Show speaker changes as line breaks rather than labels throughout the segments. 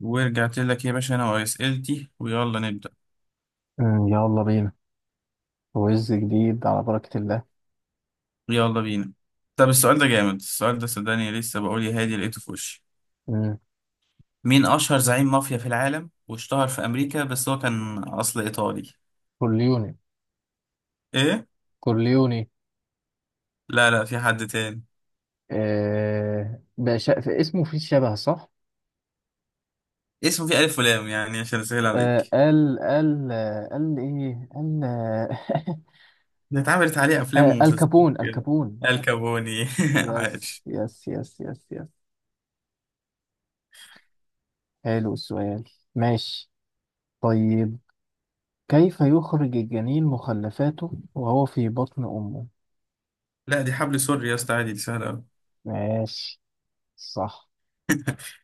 ورجعت لك يا باشا انا واسئلتي ويلا نبدا.
يلا بينا. ويز جديد على بركة الله.
يلا بينا. طب السؤال ده جامد، السؤال ده صدقني لسه بقول يا هادي لقيته في وشي.
مم.
مين اشهر زعيم مافيا في العالم واشتهر في امريكا بس هو كان اصل ايطالي؟
كورليوني.
ايه.
كورليوني.
لا لا، في حد تاني.
آه بقى في اسمه فيه شبه صح؟
اسمه فيه الف ولام يعني عشان اسهل
آه،
عليك.
قال ايه؟ قال آه.
ده اتعملت عليه افلام
آه،
ومسلسلات كده.
الكابون.
الكابوني
يس
عاش.
يس يس يس يس. حلو السؤال. ماشي. طيب، كيف يخرج الجنين مخلفاته وهو في بطن أمه؟
لا دي حبل سوري يا اسطى، عادي دي سهله قوي.
ماشي. صح.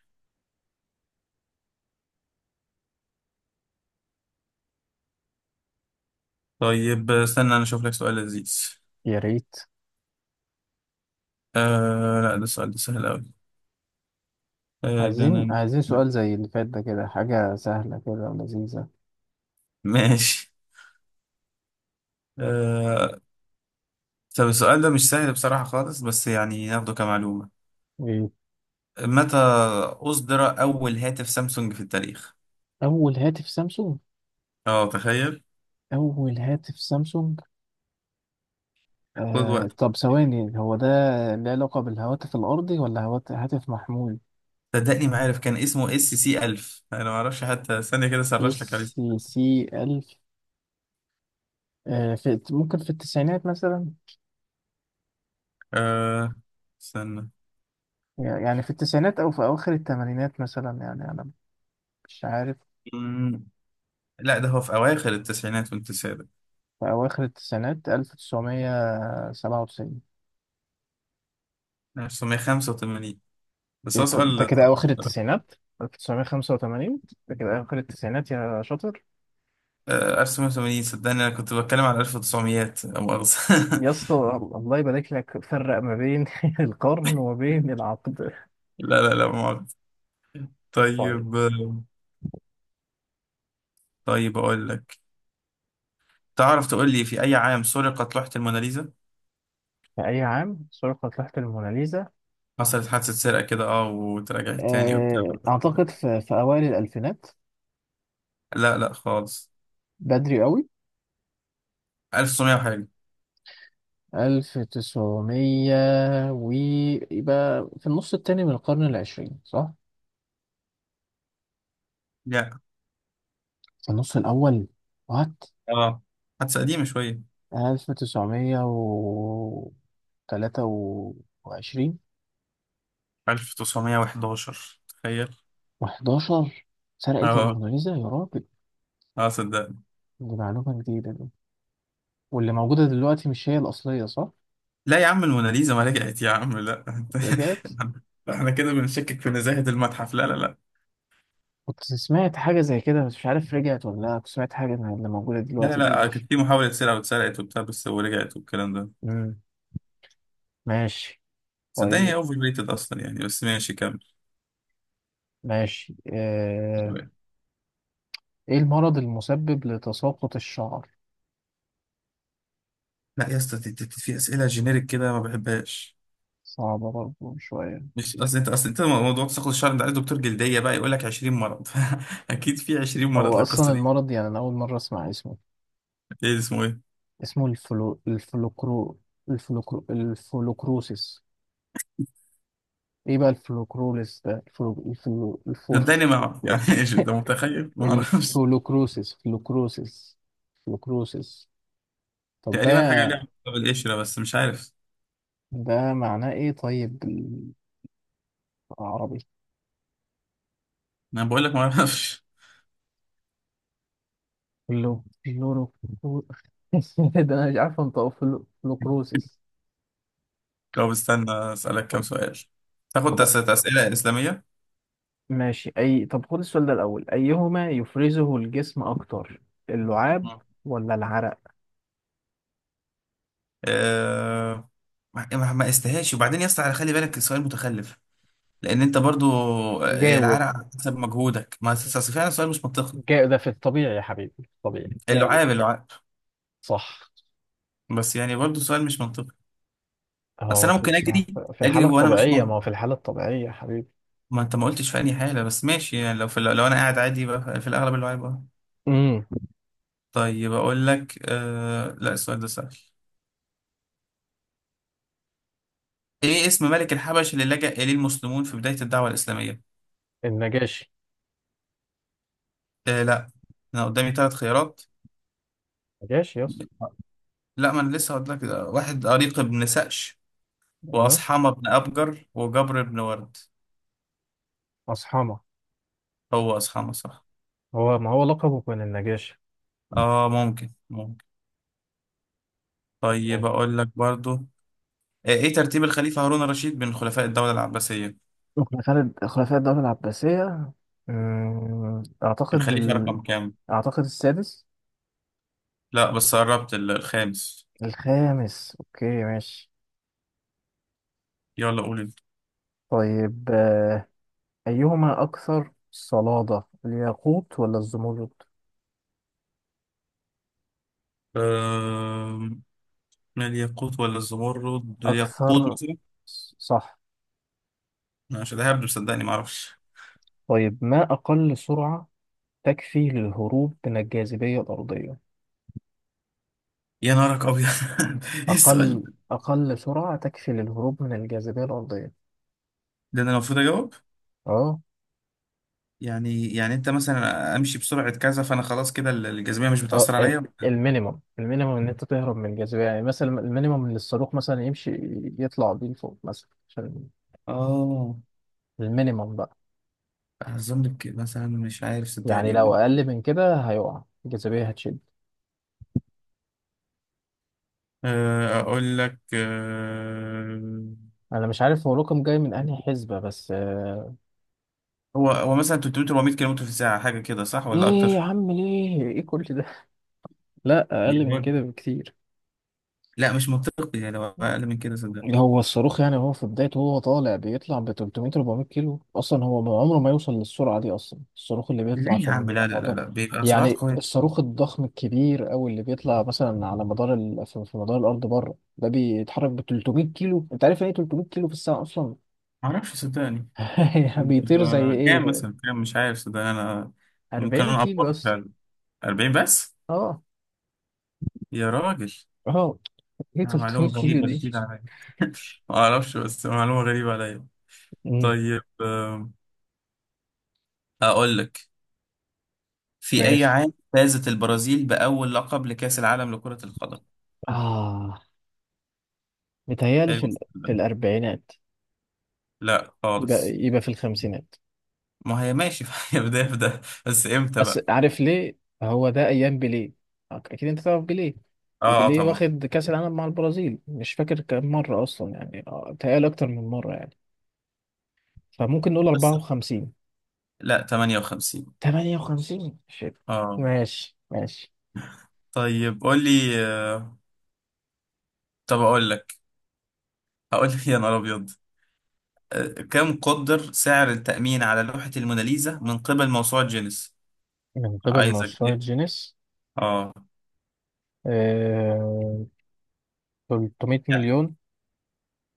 طيب استنى انا اشوف لك سؤال لذيذ.
يا ريت.
آه لا، ده السؤال ده سهل قوي. آه ده أنا.
عايزين سؤال زي اللي فات ده، كده حاجة سهلة كده ولذيذة.
ماشي. آه، طب السؤال ده مش سهل بصراحة خالص، بس يعني ناخده كمعلومة.
إيه؟
متى أصدر أول هاتف سامسونج في التاريخ؟
أول هاتف سامسونج.
اه تخيل.
أول هاتف سامسونج.
خد
آه،
وقت.
طب ثواني، هو ده له علاقة بالهواتف الأرضي ولا هاتف محمول؟
صدقني ما عارف، كان اسمه اس سي 1000، انا ما اعرفش حتى، ثانية كده
اس
سرش لك عليه.
سي ألف. آه، في ممكن في التسعينات مثلا،
أه. استنى.
يعني في التسعينات أو في أواخر الثمانينات مثلا، يعني أنا مش عارف.
مم، لا ده هو في أواخر التسعينات والتسعينات.
في أواخر التسعينات، ألف تسعمية سبعة وتسعين.
1985. بس هو
ده
سؤال
كده
صعب
اواخر
بصراحة.
التسعينات. 1985 ده كده اواخر التسعينات يا شاطر.
1980، صدقني انا كنت بتكلم على 1900 لا مؤاخذة.
يا اسطى، الله يبارك لك، فرق ما بين القرن وما بين العقد.
لا لا، لا مؤاخذة.
طيب،
طيب، طيب أقول لك. تعرف تقول لي في أي عام سرقت لوحة الموناليزا؟
في اي عام سرقت لوحة الموناليزا؟
حصلت حادثة سرقة كده وتراجعت تاني وبتاع.
آه، اعتقد في اوائل الالفينات.
لا لا خالص.
بدري قوي.
1900 وحاجة.
1900 ويبقى في النص التاني من القرن العشرين، صح؟
لا.
في النص الاول. وات.
اه، حادثة قديمة شوية.
1923.
1911 تخيل.
و11، سرقت
اه.
الموناليزا يا راجل؟
اه صدق.
دي معلومة جديدة دي. واللي موجودة دلوقتي مش هي الأصلية صح؟
لا يا عم، الموناليزا ما رجعت يا عم، لا. انت،
رجعت.
احنا كده بنشكك في نزاهة المتحف، لا لا لا.
كنت سمعت حاجة زي كده، بس مش عارف رجعت ولا لا. كنت سمعت حاجة إن اللي موجودة
لا
دلوقتي دي
لا،
مش.
كان في محاولة سرقة واتسرقت وبتاع بس ورجعت والكلام ده.
مم. ماشي.
صدقني هي
طيب.
اوفر ريتد اصلا يعني، بس ماشي كمل.
ماشي. آه... إيه المرض المسبب لتساقط الشعر؟
لا يا اسطى، في اسئله جينيريك كده ما بحبهاش.
صعبة برضه شوية.
مش اصل انت اصل انت موضوع تساقط الشعر، انت عايز دكتور جلديه بقى يقول لك 20 مرض. اكيد في 20 مرض
هو أصلا
للقصه دي.
المرض يعني أنا أول مرة أسمع اسمه.
ايه اسمه ايه؟
اسمه الفلوكرو. الفلوكرو، الفلوكروسيس. إيه بقى الفلوكروليس ده؟ الفو...
صدقني ما اعرف يعني ايش انت متخيل؟ ما اعرفش.
الفلوكروسس، فلوكروسس، فلوكروسس. طب ده،
تقريبا حاجه ليها علاقه بالقشره بس مش عارف.
ده معناه ايه طيب، بالعربي؟
انا بقول لك ما اعرفش.
فلورو، فلو- ده انا مش عارف انطقه، فلوكروسس.
طب استنى اسالك كام سؤال. تاخد
طب
اسئله اسلاميه.
ماشي، اي طب خد السؤال ده الاول: ايهما يفرزه الجسم اكتر، اللعاب ولا العرق؟
أه... ما استهاش، وبعدين يا اسطى خلي بالك السؤال متخلف. لان انت برضو،
جاوب.
العرق على حسب مجهودك، ما أصل- أصل فعلا سؤال مش منطقي.
ده في الطبيعي يا حبيبي، في الطبيعي، جاوب.
اللعاب.
صح.
بس يعني برضو سؤال مش منطقي. بس
اهو
انا ممكن
في
اجري.
في
اجري
الحالة
وانا مش
الطبيعية، ما هو في الحالة الطبيعية يا حبيبي.
ما انت ما قلتش في اي حاله، بس ماشي. يعني لو لو انا قاعد عادي يبقى في الاغلب اللعاب، أه.
امم.
طيب اقول لك، لا السؤال ده سهل. ايه اسم ملك الحبش اللي لجأ اليه المسلمون في بدايه الدعوه الاسلاميه؟
النجاشي.
آه لا، انا قدامي ثلاث خيارات.
نجاشي، يس.
لا ما انا لسه هقول لك. واحد اريق بن سقش،
ايوه،
وأصحمة بن أبجر، وجبر بن ورد.
مصحمة.
هو أصحابنا صح.
هو ما هو لقبه كان النجاشي.
اه ممكن ممكن. طيب
تمام.
أقول لك برضو، ايه ترتيب الخليفة هارون الرشيد بين خلفاء الدولة العباسية؟
خلافة خلفاء الدولة العباسية. أمم، أعتقد
الخليفة
ال...
رقم كام؟
أعتقد السادس.
لا بس قربت، الخامس.
الخامس، أوكي ماشي.
يلا قول انت.
طيب آه، أيهما أكثر صلادة، الياقوت ولا الزمرد؟
آم، الياقوت ولا الزمرد؟ الياقوت
أكثر.
مثلا.
صح.
أنا مش ههبد، صدقني ما اعرفش.
طيب، ما أقل سرعة تكفي للهروب من الجاذبية الأرضية؟
يا نارك ابيض. ايه السؤال
أقل.
ده؟
أقل سرعة تكفي للهروب من الجاذبية الأرضية.
ده انا المفروض اجاوب؟
أه.
يعني يعني انت مثلا امشي بسرعة كذا فانا خلاص كده الجاذبية مش
اه،
بتأثر عليا.
المينيمم. المينيمم ان انت تهرب من الجاذبيه، يعني مثلا المينيمم ان الصاروخ مثلا يمشي، يطلع بيه لفوق مثلا عشان.
اه،
المينيمم بقى،
اظن كده مثلا، مش عارف
يعني لو
صدقني.
اقل من كده هيقع، الجاذبيه هتشد.
اقول لك،
انا مش عارف هو رقم جاي من انهي حسبه، بس آه،
هو هو مثلا 300 400 كيلو متر في الساعه حاجه كده، صح ولا
ايه يا
اكتر؟
عم، ليه ايه كل ده؟ لا اقل من
يقول،
كده بكتير.
لا مش منطقي، يعني لو اقل من كده صدقني.
هو الصاروخ يعني، هو في بدايته هو طالع، بيطلع ب 300 400 كيلو اصلا، هو عمره ما يوصل للسرعه دي اصلا الصاروخ اللي بيطلع
ليه يا عم،
في
لا لا لا
المدار.
لا، بيبقى سرعات
يعني
قويه.
الصاروخ الضخم الكبير او اللي بيطلع مثلا على مدار ال... في مدار الارض بره، ده بيتحرك ب 300 كيلو؟ انت عارف يعني ايه 300 كيلو في الساعه اصلا؟
ما اعرفش صدقني.
يعني بيطير زي
بيبقى كام
ايه؟
مثلا؟ كام؟ مش عارف صدقني انا. ممكن
40
انا
كيلو
افكر
بس.
فعلا. 40 بس؟
اه.
يا راجل.
اه ايه 300
معلومه
كيلو
غريبه
دي؟
جديده عليا. ما اعرفش، بس معلومه غريبه عليا.
امم.
طيب، اقول لك. في اي
ماشي.
عام فازت البرازيل باول لقب لكاس العالم لكره القدم؟
اه، متهيألي في
حلو.
ال... في
ده،
الاربعينات.
لا
يبقى
خالص.
في الخمسينات.
ما هي ماشي هي بداية في ده، بس امتى
بس
بقى؟
عارف ليه؟ هو ده ايام بيليه، اكيد انت تعرف بيليه.
اه،
وبيليه
طبعا.
واخد كاس العالم مع البرازيل، مش فاكر كام مره اصلا، يعني آه، بيتهيألي اكتر من مره يعني. فممكن نقول
بس
54.
لا، 58.
58، شيت.
اه.
ماشي ماشي.
طيب قول لي، طب اقول لك. هقول لك يا نهار ابيض. كم قدر سعر التأمين على لوحة الموناليزا من قبل موسوعة جينيس؟
من قبل
عايزك
مشروع
ايه.
جينيس.
اه
آه... 300
يعني،
مليون.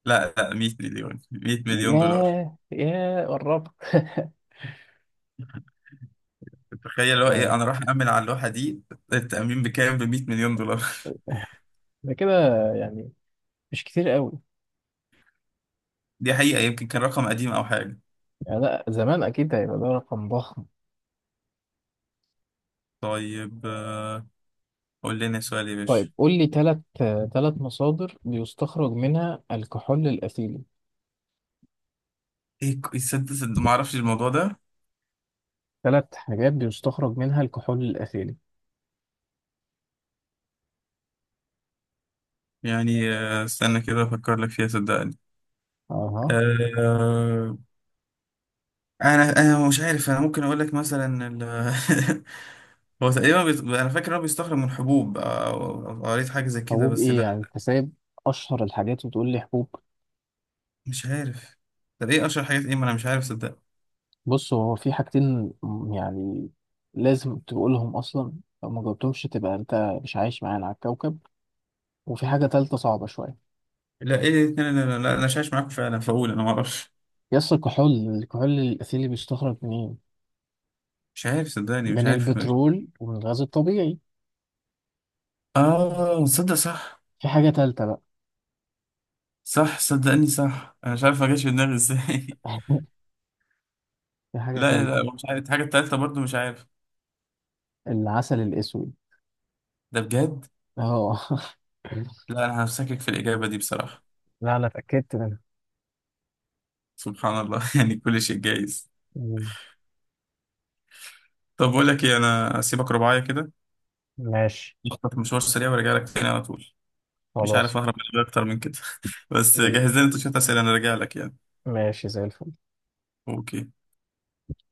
لا لا، 100 مليون، 100 مليون دولار.
ياه ياه، قربت.
تخيل، هو ايه
طيب،
انا راح أأمن على اللوحة دي. التأمين بكام؟ ب 100 مليون دولار.
ده كده يعني مش كتير قوي.
دي حقيقة يمكن كان رقم قديم او حاجة.
يعني لا، زمان اكيد هيبقى ده رقم ضخم.
طيب، قول لنا سؤال يا باشا.
طيب قول لي ثلاث، ثلاث مصادر بيستخرج منها الكحول الأثيلي.
ايه صدق صدق ما اعرفش الموضوع ده.
ثلاث حاجات بيستخرج منها الكحول الأثيلي.
يعني استنى كده افكر لك فيها صدقني.
أها.
آه، انا مش عارف. انا ممكن اقول لك مثلا هو تقريبا انا فاكر إن هو بيستخرج من حبوب، أو أو قريت حاجه زي كده
حبوب
بس
إيه يعني؟
لا.
أنت سايب أشهر الحاجات وتقول لي حبوب؟
مش عارف. طب ايه اشهر حاجات ايه، ما انا مش عارف صدقني.
بص، هو في حاجتين يعني لازم تقولهم أصلا، لو ما جاوبتهمش تبقى أنت مش عايش معانا على الكوكب. وفي حاجة تالتة صعبة شوية.
لا ايه، لا لا لا، لا انا شايف معاكم فعلا فاقول انا ما اعرفش.
يس، الكحول. الكحول الأثيلي بيستخرج منين؟
مش عارف صدقني، مش
من
عارف.
البترول ومن الغاز الطبيعي.
اه صدق صح.
في حاجة تالتة بقى.
صح صدقني صح، انا مش عارف ما جاش في دماغي ازاي.
في حاجة
لا
تالتة.
لا، مش عارف الحاجة التالتة، برضو مش عارف.
العسل الأسود.
ده بجد؟
اه.
لا أنا همسكك في الإجابة دي بصراحة.
لا انا اتاكدت منها.
سبحان الله يعني كل شيء جايز.
مم.
طب بقول لك إيه، أنا أسيبك رباعية كده،
ماشي.
أخطف مشوار سريع وأرجع لك تاني على طول. مش
خلاص.
عارف أهرب من الإجابة أكتر من كده. بس جهز
مم.
لنا أنت شوية أسئلة، أنا راجع لك يعني.
ماشي زي الفل.
أوكي.